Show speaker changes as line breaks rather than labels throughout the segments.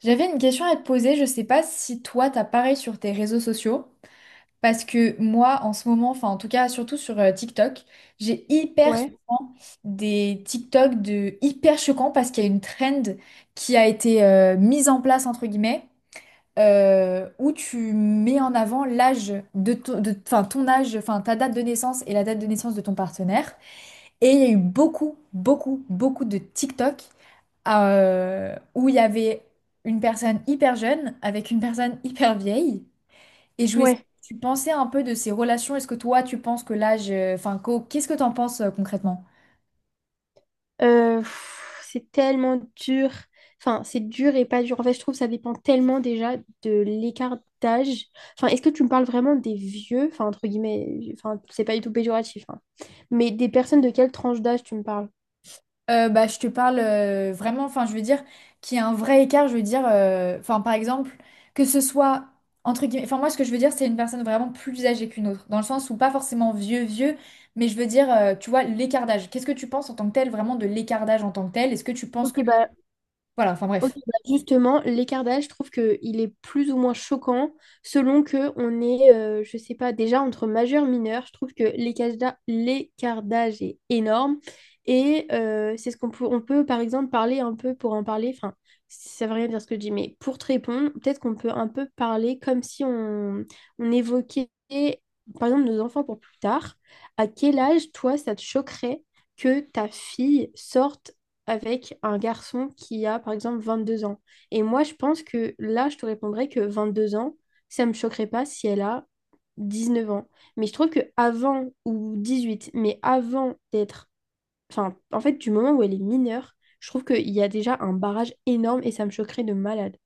J'avais une question à te poser, je sais pas si toi t'as pareil sur tes réseaux sociaux, parce que moi en ce moment, enfin en tout cas surtout sur TikTok, j'ai hyper
Ouais,
souvent des TikTok de hyper choquants parce qu'il y a une trend qui a été mise en place entre guillemets où tu mets en avant l'âge de enfin, ton âge, enfin, ta date de naissance et la date de naissance de ton partenaire. Et il y a eu beaucoup, beaucoup, beaucoup de TikTok où il y avait une personne hyper jeune avec une personne hyper vieille. Et je voulais savoir
ouais.
ce tu pensais un peu de ces relations. Est-ce que toi, tu penses que l'âge, enfin, qu'est-ce que tu en penses concrètement?
Euh, pff, c'est tellement dur. Enfin, c'est dur et pas dur. En fait, je trouve que ça dépend tellement déjà de l'écart d'âge. Enfin, est-ce que tu me parles vraiment des vieux? Enfin, entre guillemets, enfin, c'est pas du tout péjoratif, hein. Mais des personnes de quelle tranche d'âge tu me parles?
Bah, je te parle vraiment, enfin, je veux dire qu'il y a un vrai écart, je veux dire, enfin, par exemple, que ce soit entre guillemets, enfin, moi, ce que je veux dire, c'est une personne vraiment plus âgée qu'une autre, dans le sens où pas forcément vieux, vieux, mais je veux dire, tu vois, l'écart d'âge. Qu'est-ce que tu penses en tant que tel, vraiment de l'écart d'âge en tant que tel? Est-ce que tu penses
Ok,
que...
bah
Voilà, enfin,
Ok,
bref.
bah justement, l'écart d'âge, je trouve qu'il est plus ou moins choquant selon que on est, je sais pas, déjà entre majeur, mineur. Je trouve que l'écart d'âge est énorme. Et c'est ce qu'on peut, par exemple, parler un peu pour en parler. Enfin, ça veut rien dire ce que je dis, mais pour te répondre, peut-être qu'on peut un peu parler comme si on évoquait, par exemple, nos enfants pour plus tard. À quel âge, toi, ça te choquerait que ta fille sorte avec un garçon qui a, par exemple, 22 ans. Et moi, je pense que là, je te répondrais que 22 ans, ça me choquerait pas si elle a 19 ans. Mais je trouve que avant, ou 18 mais avant d'être... Enfin, en fait, du moment où elle est mineure, je trouve qu'il y a déjà un barrage énorme et ça me choquerait de malade.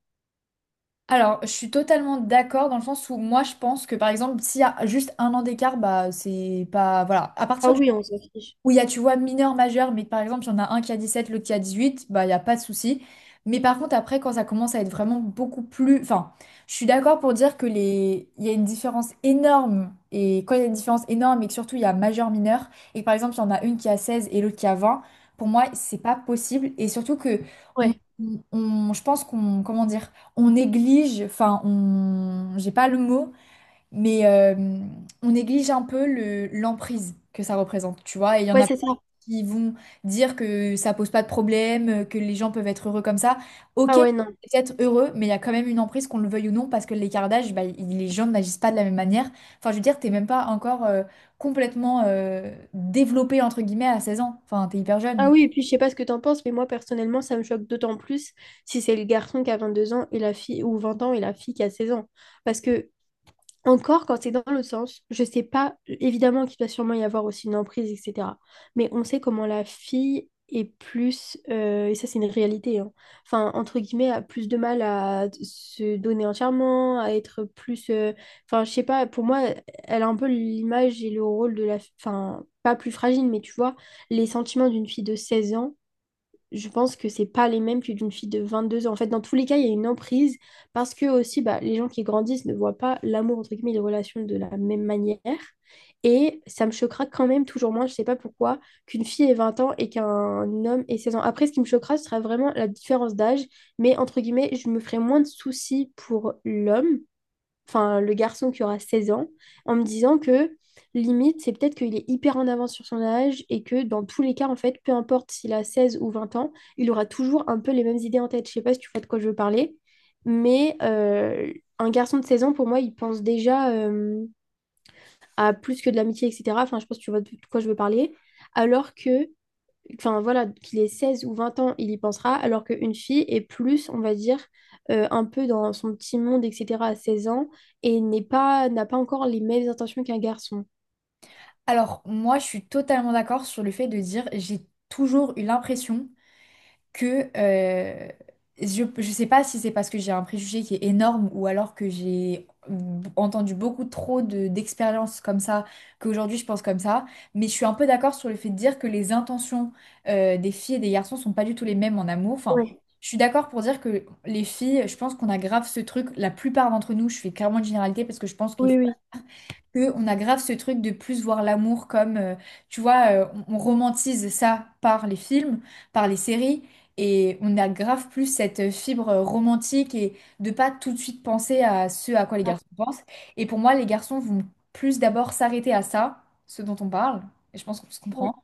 Alors, je suis totalement d'accord dans le sens où moi, je pense que, par exemple, s'il y a juste un an d'écart, bah, c'est pas... Voilà. À
Ah
partir du
oui, on s'en fiche.
où il y a, tu vois, mineur, majeur, mais que, par exemple, il y en a un qui a 17, l'autre qui a 18, bah, il n'y a pas de souci. Mais par contre, après, quand ça commence à être vraiment beaucoup plus... Enfin, je suis d'accord pour dire que les... il y a une différence énorme. Et quand il y a une différence énorme et que surtout, il y a majeur, mineur, et que, par exemple, il y en a une qui a 16 et l'autre qui a 20, pour moi, c'est pas possible. Et surtout que... on-
Ouais,
je pense qu'on, comment dire, on néglige, enfin, j'ai pas le mot, mais on néglige un peu le, l'emprise que ça représente, tu vois. Et il y en
ouais,
a
c'est ça.
qui vont dire que ça pose pas de problème, que les gens peuvent être heureux comme ça. Ok,
Ah
c'est
ouais, non.
peut-être heureux, mais il y a quand même une emprise, qu'on le veuille ou non, parce que l'écart d'âge, bah, il... les gens n'agissent pas de la même manière. Enfin, je veux dire, t'es même pas encore complètement développé, entre guillemets, à 16 ans. Enfin, t'es hyper
Ah
jeune.
oui, et puis je sais pas ce que t'en penses, mais moi personnellement, ça me choque d'autant plus si c'est le garçon qui a 22 ans et la fille, ou 20 ans et la fille qui a 16 ans. Parce que Encore quand c'est dans le sens, je sais pas, évidemment qu'il doit sûrement y avoir aussi une emprise, etc. Mais on sait comment la fille est plus, et ça c'est une réalité, hein, enfin, entre guillemets, a plus de mal à se donner entièrement, à être plus, enfin, je sais pas, pour moi, elle a un peu l'image et le rôle de la, enfin, pas plus fragile, mais tu vois, les sentiments d'une fille de 16 ans, je pense que c'est pas les mêmes que d'une fille de 22 ans. En fait, dans tous les cas, il y a une emprise parce que aussi, bah, les gens qui grandissent ne voient pas l'amour, entre guillemets, les relations de la même manière. Et ça me choquera quand même toujours moins, je sais pas pourquoi, qu'une fille ait 20 ans et qu'un homme ait 16 ans. Après, ce qui me choquera, ce sera vraiment la différence d'âge. Mais entre guillemets, je me ferai moins de soucis pour l'homme enfin le garçon qui aura 16 ans, en me disant que limite, c'est peut-être qu'il est hyper en avance sur son âge et que dans tous les cas, en fait, peu importe s'il a 16 ou 20 ans, il aura toujours un peu les mêmes idées en tête. Je sais pas si tu vois de quoi je veux parler, mais un garçon de 16 ans, pour moi, il pense déjà à plus que de l'amitié, etc. Enfin, je pense que tu vois de quoi je veux parler. Alors que enfin voilà, qu'il ait 16 ou 20 ans, il y pensera, alors qu'une fille est plus, on va dire, un peu dans son petit monde, etc., à 16 ans, et n'est pas, n'a pas encore les mêmes intentions qu'un garçon.
Alors, moi, je suis totalement d'accord sur le fait de dire, j'ai toujours eu l'impression que je ne sais pas si c'est parce que j'ai un préjugé qui est énorme ou alors que j'ai entendu beaucoup trop d'expériences comme ça, qu'aujourd'hui je pense comme ça, mais je suis un peu d'accord sur le fait de dire que les intentions des filles et des garçons sont pas du tout les mêmes en amour. Enfin,
Ouais.
je suis d'accord pour dire que les filles, je pense qu'on a grave ce truc, la plupart d'entre nous, je fais clairement une généralité parce que je pense que
Oui, oui.
on a grave ce truc de plus voir l'amour comme, tu vois, on romantise ça par les films, par les séries, et on a grave plus cette fibre romantique et de pas tout de suite penser à ce à quoi les
Ah.
garçons pensent. Et pour moi, les garçons vont plus d'abord s'arrêter à ça, ce dont on parle, et je pense qu'on se
Ouais.
comprend.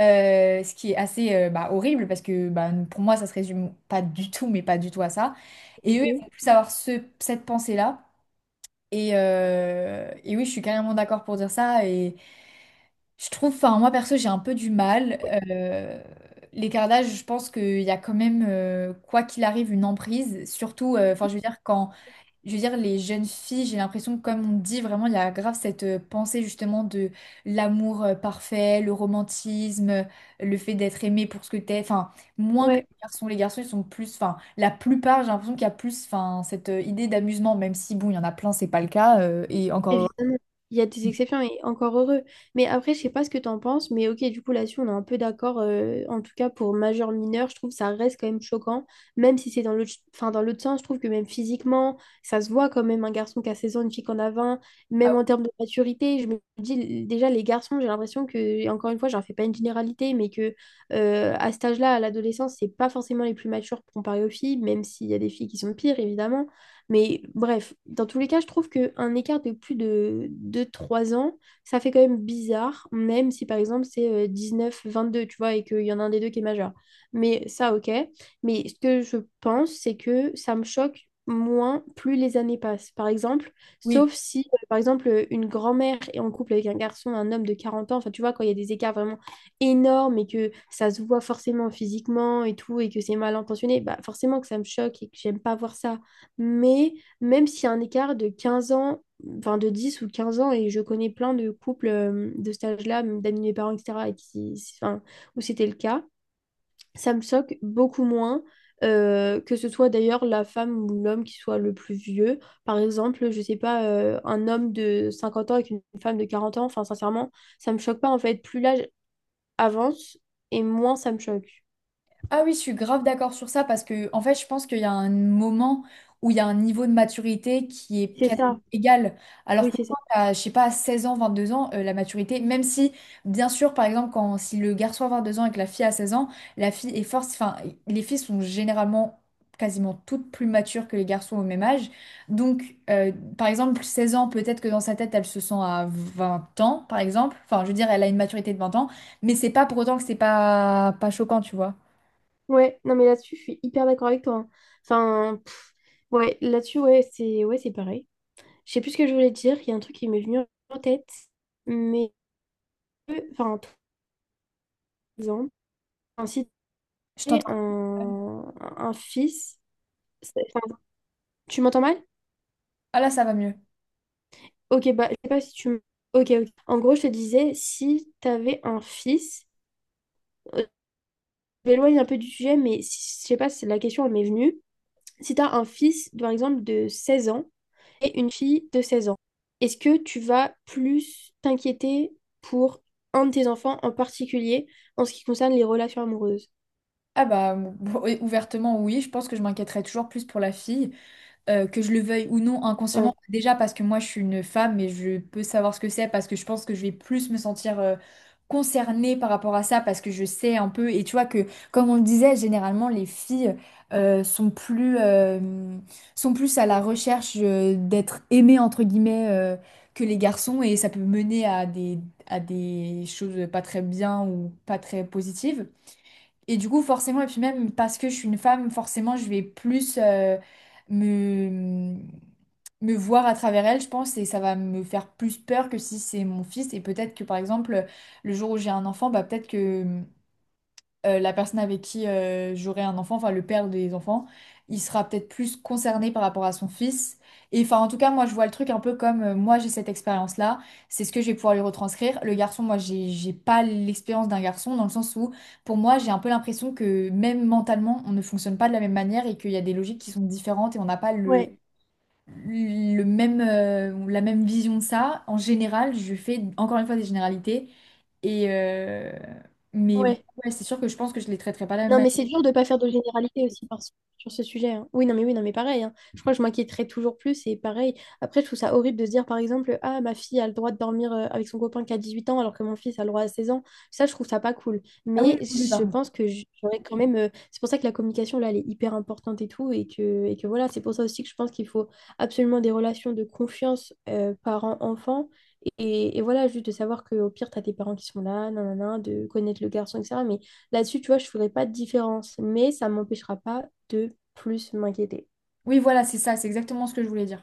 Ce qui est assez bah, horrible parce que bah, pour moi ça se résume pas du tout mais pas du tout à ça et eux ils
Ok.
vont plus avoir cette pensée-là et oui, je suis carrément d'accord pour dire ça. Et je trouve, enfin, moi perso, j'ai un peu du mal. Euh, L'écart d'âge, je pense qu'il y a quand même, quoi qu'il arrive, une emprise. Surtout, enfin, je veux dire, quand les jeunes filles, j'ai l'impression que, comme on dit, vraiment, il y a grave cette pensée justement de l'amour parfait, le romantisme, le fait d'être aimé pour ce que t'es. Enfin, moins que les
Ouais,
garçons. Les garçons, ils sont plus. Enfin, la plupart, j'ai l'impression qu'il y a plus enfin, cette idée d'amusement, même si, bon, il y en a plein, c'est pas le cas. Et encore.
évidemment, il y a des exceptions et encore heureux. Mais après, je sais pas ce que tu en penses, mais ok, du coup, là-dessus, on est un peu d'accord. En tout cas, pour majeur mineur, je trouve que ça reste quand même choquant, même si c'est dans l'autre, enfin, dans l'autre sens, je trouve que même physiquement, ça se voit quand même un garçon qui a 16 ans, une fille qui en a 20,
Ah
même en termes de maturité. Je me dis, déjà, les garçons, j'ai l'impression que, et encore une fois, j'en fais pas une généralité, mais que à cet âge-là, à l'adolescence, c'est pas forcément les plus matures comparé aux filles, même s'il y a des filles qui sont pires, évidemment. Mais bref, dans tous les cas, je trouve qu'un écart de plus de 2 ou 3 ans, ça fait quand même bizarre, même si par exemple c'est 19-22 tu vois, et qu'il y en a un des deux qui est majeur. Mais ça, ok. Mais ce que je pense, c'est que ça me choque moins plus les années passent. Par exemple,
oui. Oui.
sauf si, par exemple, une grand-mère est en couple avec un garçon, un homme de 40 ans, enfin, tu vois, quand il y a des écarts vraiment énormes et que ça se voit forcément physiquement et tout, et que c'est mal intentionné, bah forcément que ça me choque et que j'aime pas voir ça. Mais même s'il y a un écart de 15 ans, enfin de 10 ou 15 ans, et je connais plein de couples de cet âge-là, même d'amis de mes parents, etc., et qui, enfin, où c'était le cas, ça me choque beaucoup moins que ce soit d'ailleurs la femme ou l'homme qui soit le plus vieux. Par exemple, je sais pas, un homme de 50 ans avec une femme de 40 ans, enfin sincèrement, ça me choque pas en fait. Plus l'âge avance et moins ça me choque.
Ah oui, je suis grave d'accord sur ça parce que, en fait, je pense qu'il y a un moment où il y a un niveau de maturité qui est
C'est
quasi
ça,
égal. Alors
oui,
que
c'est ça.
quand t'as, je sais pas, 16 ans, 22 ans, la maturité, même si, bien sûr, par exemple, quand, si le garçon a 2 ans et que la fille a 16 ans, la fille est force, enfin, les filles sont généralement quasiment toutes plus matures que les garçons au même âge. Donc, euh, par exemple, 16 ans, peut-être que dans sa tête, elle se sent à 20 ans, par exemple. Enfin, je veux dire, elle a une maturité de 20 ans, mais c'est pas pour autant que c'est pas choquant, tu vois.
Ouais, non mais là-dessus, je suis hyper d'accord avec toi, hein. Enfin, ouais, là-dessus, ouais, c'est pareil. Je sais plus ce que je voulais dire, il y a un truc qui m'est venu en tête, mais enfin, par exemple, enfin, si tu
Je
avais
t'entends.
un fils, enfin, tu m'entends mal?
Ah là, ça va mieux.
Ok, bah, je sais pas si Ok, ok. En gros, je te disais, si tu avais un fils, euh, je m'éloigne un peu du sujet, mais je sais pas, c'est la question, elle m'est venue. Si tu as un fils, par exemple, de 16 ans et une fille de 16 ans, est-ce que tu vas plus t'inquiéter pour un de tes enfants en particulier en ce qui concerne les relations amoureuses?
Ah bah, bon, et ouvertement, oui, je pense que je m'inquiéterais toujours plus pour la fille, que je le veuille ou non
Ouais,
inconsciemment. Déjà parce que moi, je suis une femme et je peux savoir ce que c'est, parce que je pense que je vais plus me sentir concernée par rapport à ça, parce que je sais un peu. Et tu vois que, comme on le disait, généralement, les filles sont sont plus à la recherche d'être aimées, entre guillemets, que les garçons, et ça peut mener à des choses pas très bien ou pas très positives. Et du coup, forcément, et puis même parce que je suis une femme, forcément, je vais plus me, me voir à travers elle, je pense, et ça va me faire plus peur que si c'est mon fils. Et peut-être que, par exemple, le jour où j'ai un enfant, bah, peut-être que la personne avec qui j'aurai un enfant, enfin le père des enfants, il sera peut-être plus concerné par rapport à son fils. Et enfin, en tout cas, moi, je vois le truc un peu comme moi, j'ai cette expérience-là, c'est ce que je vais pouvoir lui retranscrire. Le garçon, moi, j'ai pas l'expérience d'un garçon, dans le sens où, pour moi, j'ai un peu l'impression que même mentalement, on ne fonctionne pas de la même manière et qu'il y a des logiques qui sont différentes et on n'a pas le
ouais,
le même, la même vision de ça. En général, je fais encore une fois des généralités. Et mais ouais,
ouais.
c'est sûr que je pense que je les traiterai pas de la même
Non,
manière.
mais c'est dur de ne pas faire de généralité aussi sur ce sujet, hein. Oui, non, mais pareil, hein. Je crois que je m'inquiéterais toujours plus et pareil. Après, je trouve ça horrible de se dire, par exemple, ah, ma fille a le droit de dormir avec son copain qui a 18 ans alors que mon fils a le droit à 16 ans. Ça, je trouve ça pas cool.
Ah oui,
Mais
oui, oui,
je
pardon.
pense que j'aurais quand même. C'est pour ça que la communication, là, elle est hyper importante et tout. Et que voilà, c'est pour ça aussi que je pense qu'il faut absolument des relations de confiance parents-enfants. Et voilà, juste de savoir qu'au pire, tu as tes parents qui sont là, nanana, de connaître le garçon, etc. Mais là-dessus, tu vois, je ferai pas de différence, mais ça m'empêchera pas de plus m'inquiéter.
Oui, voilà, c'est ça, c'est exactement ce que je voulais dire.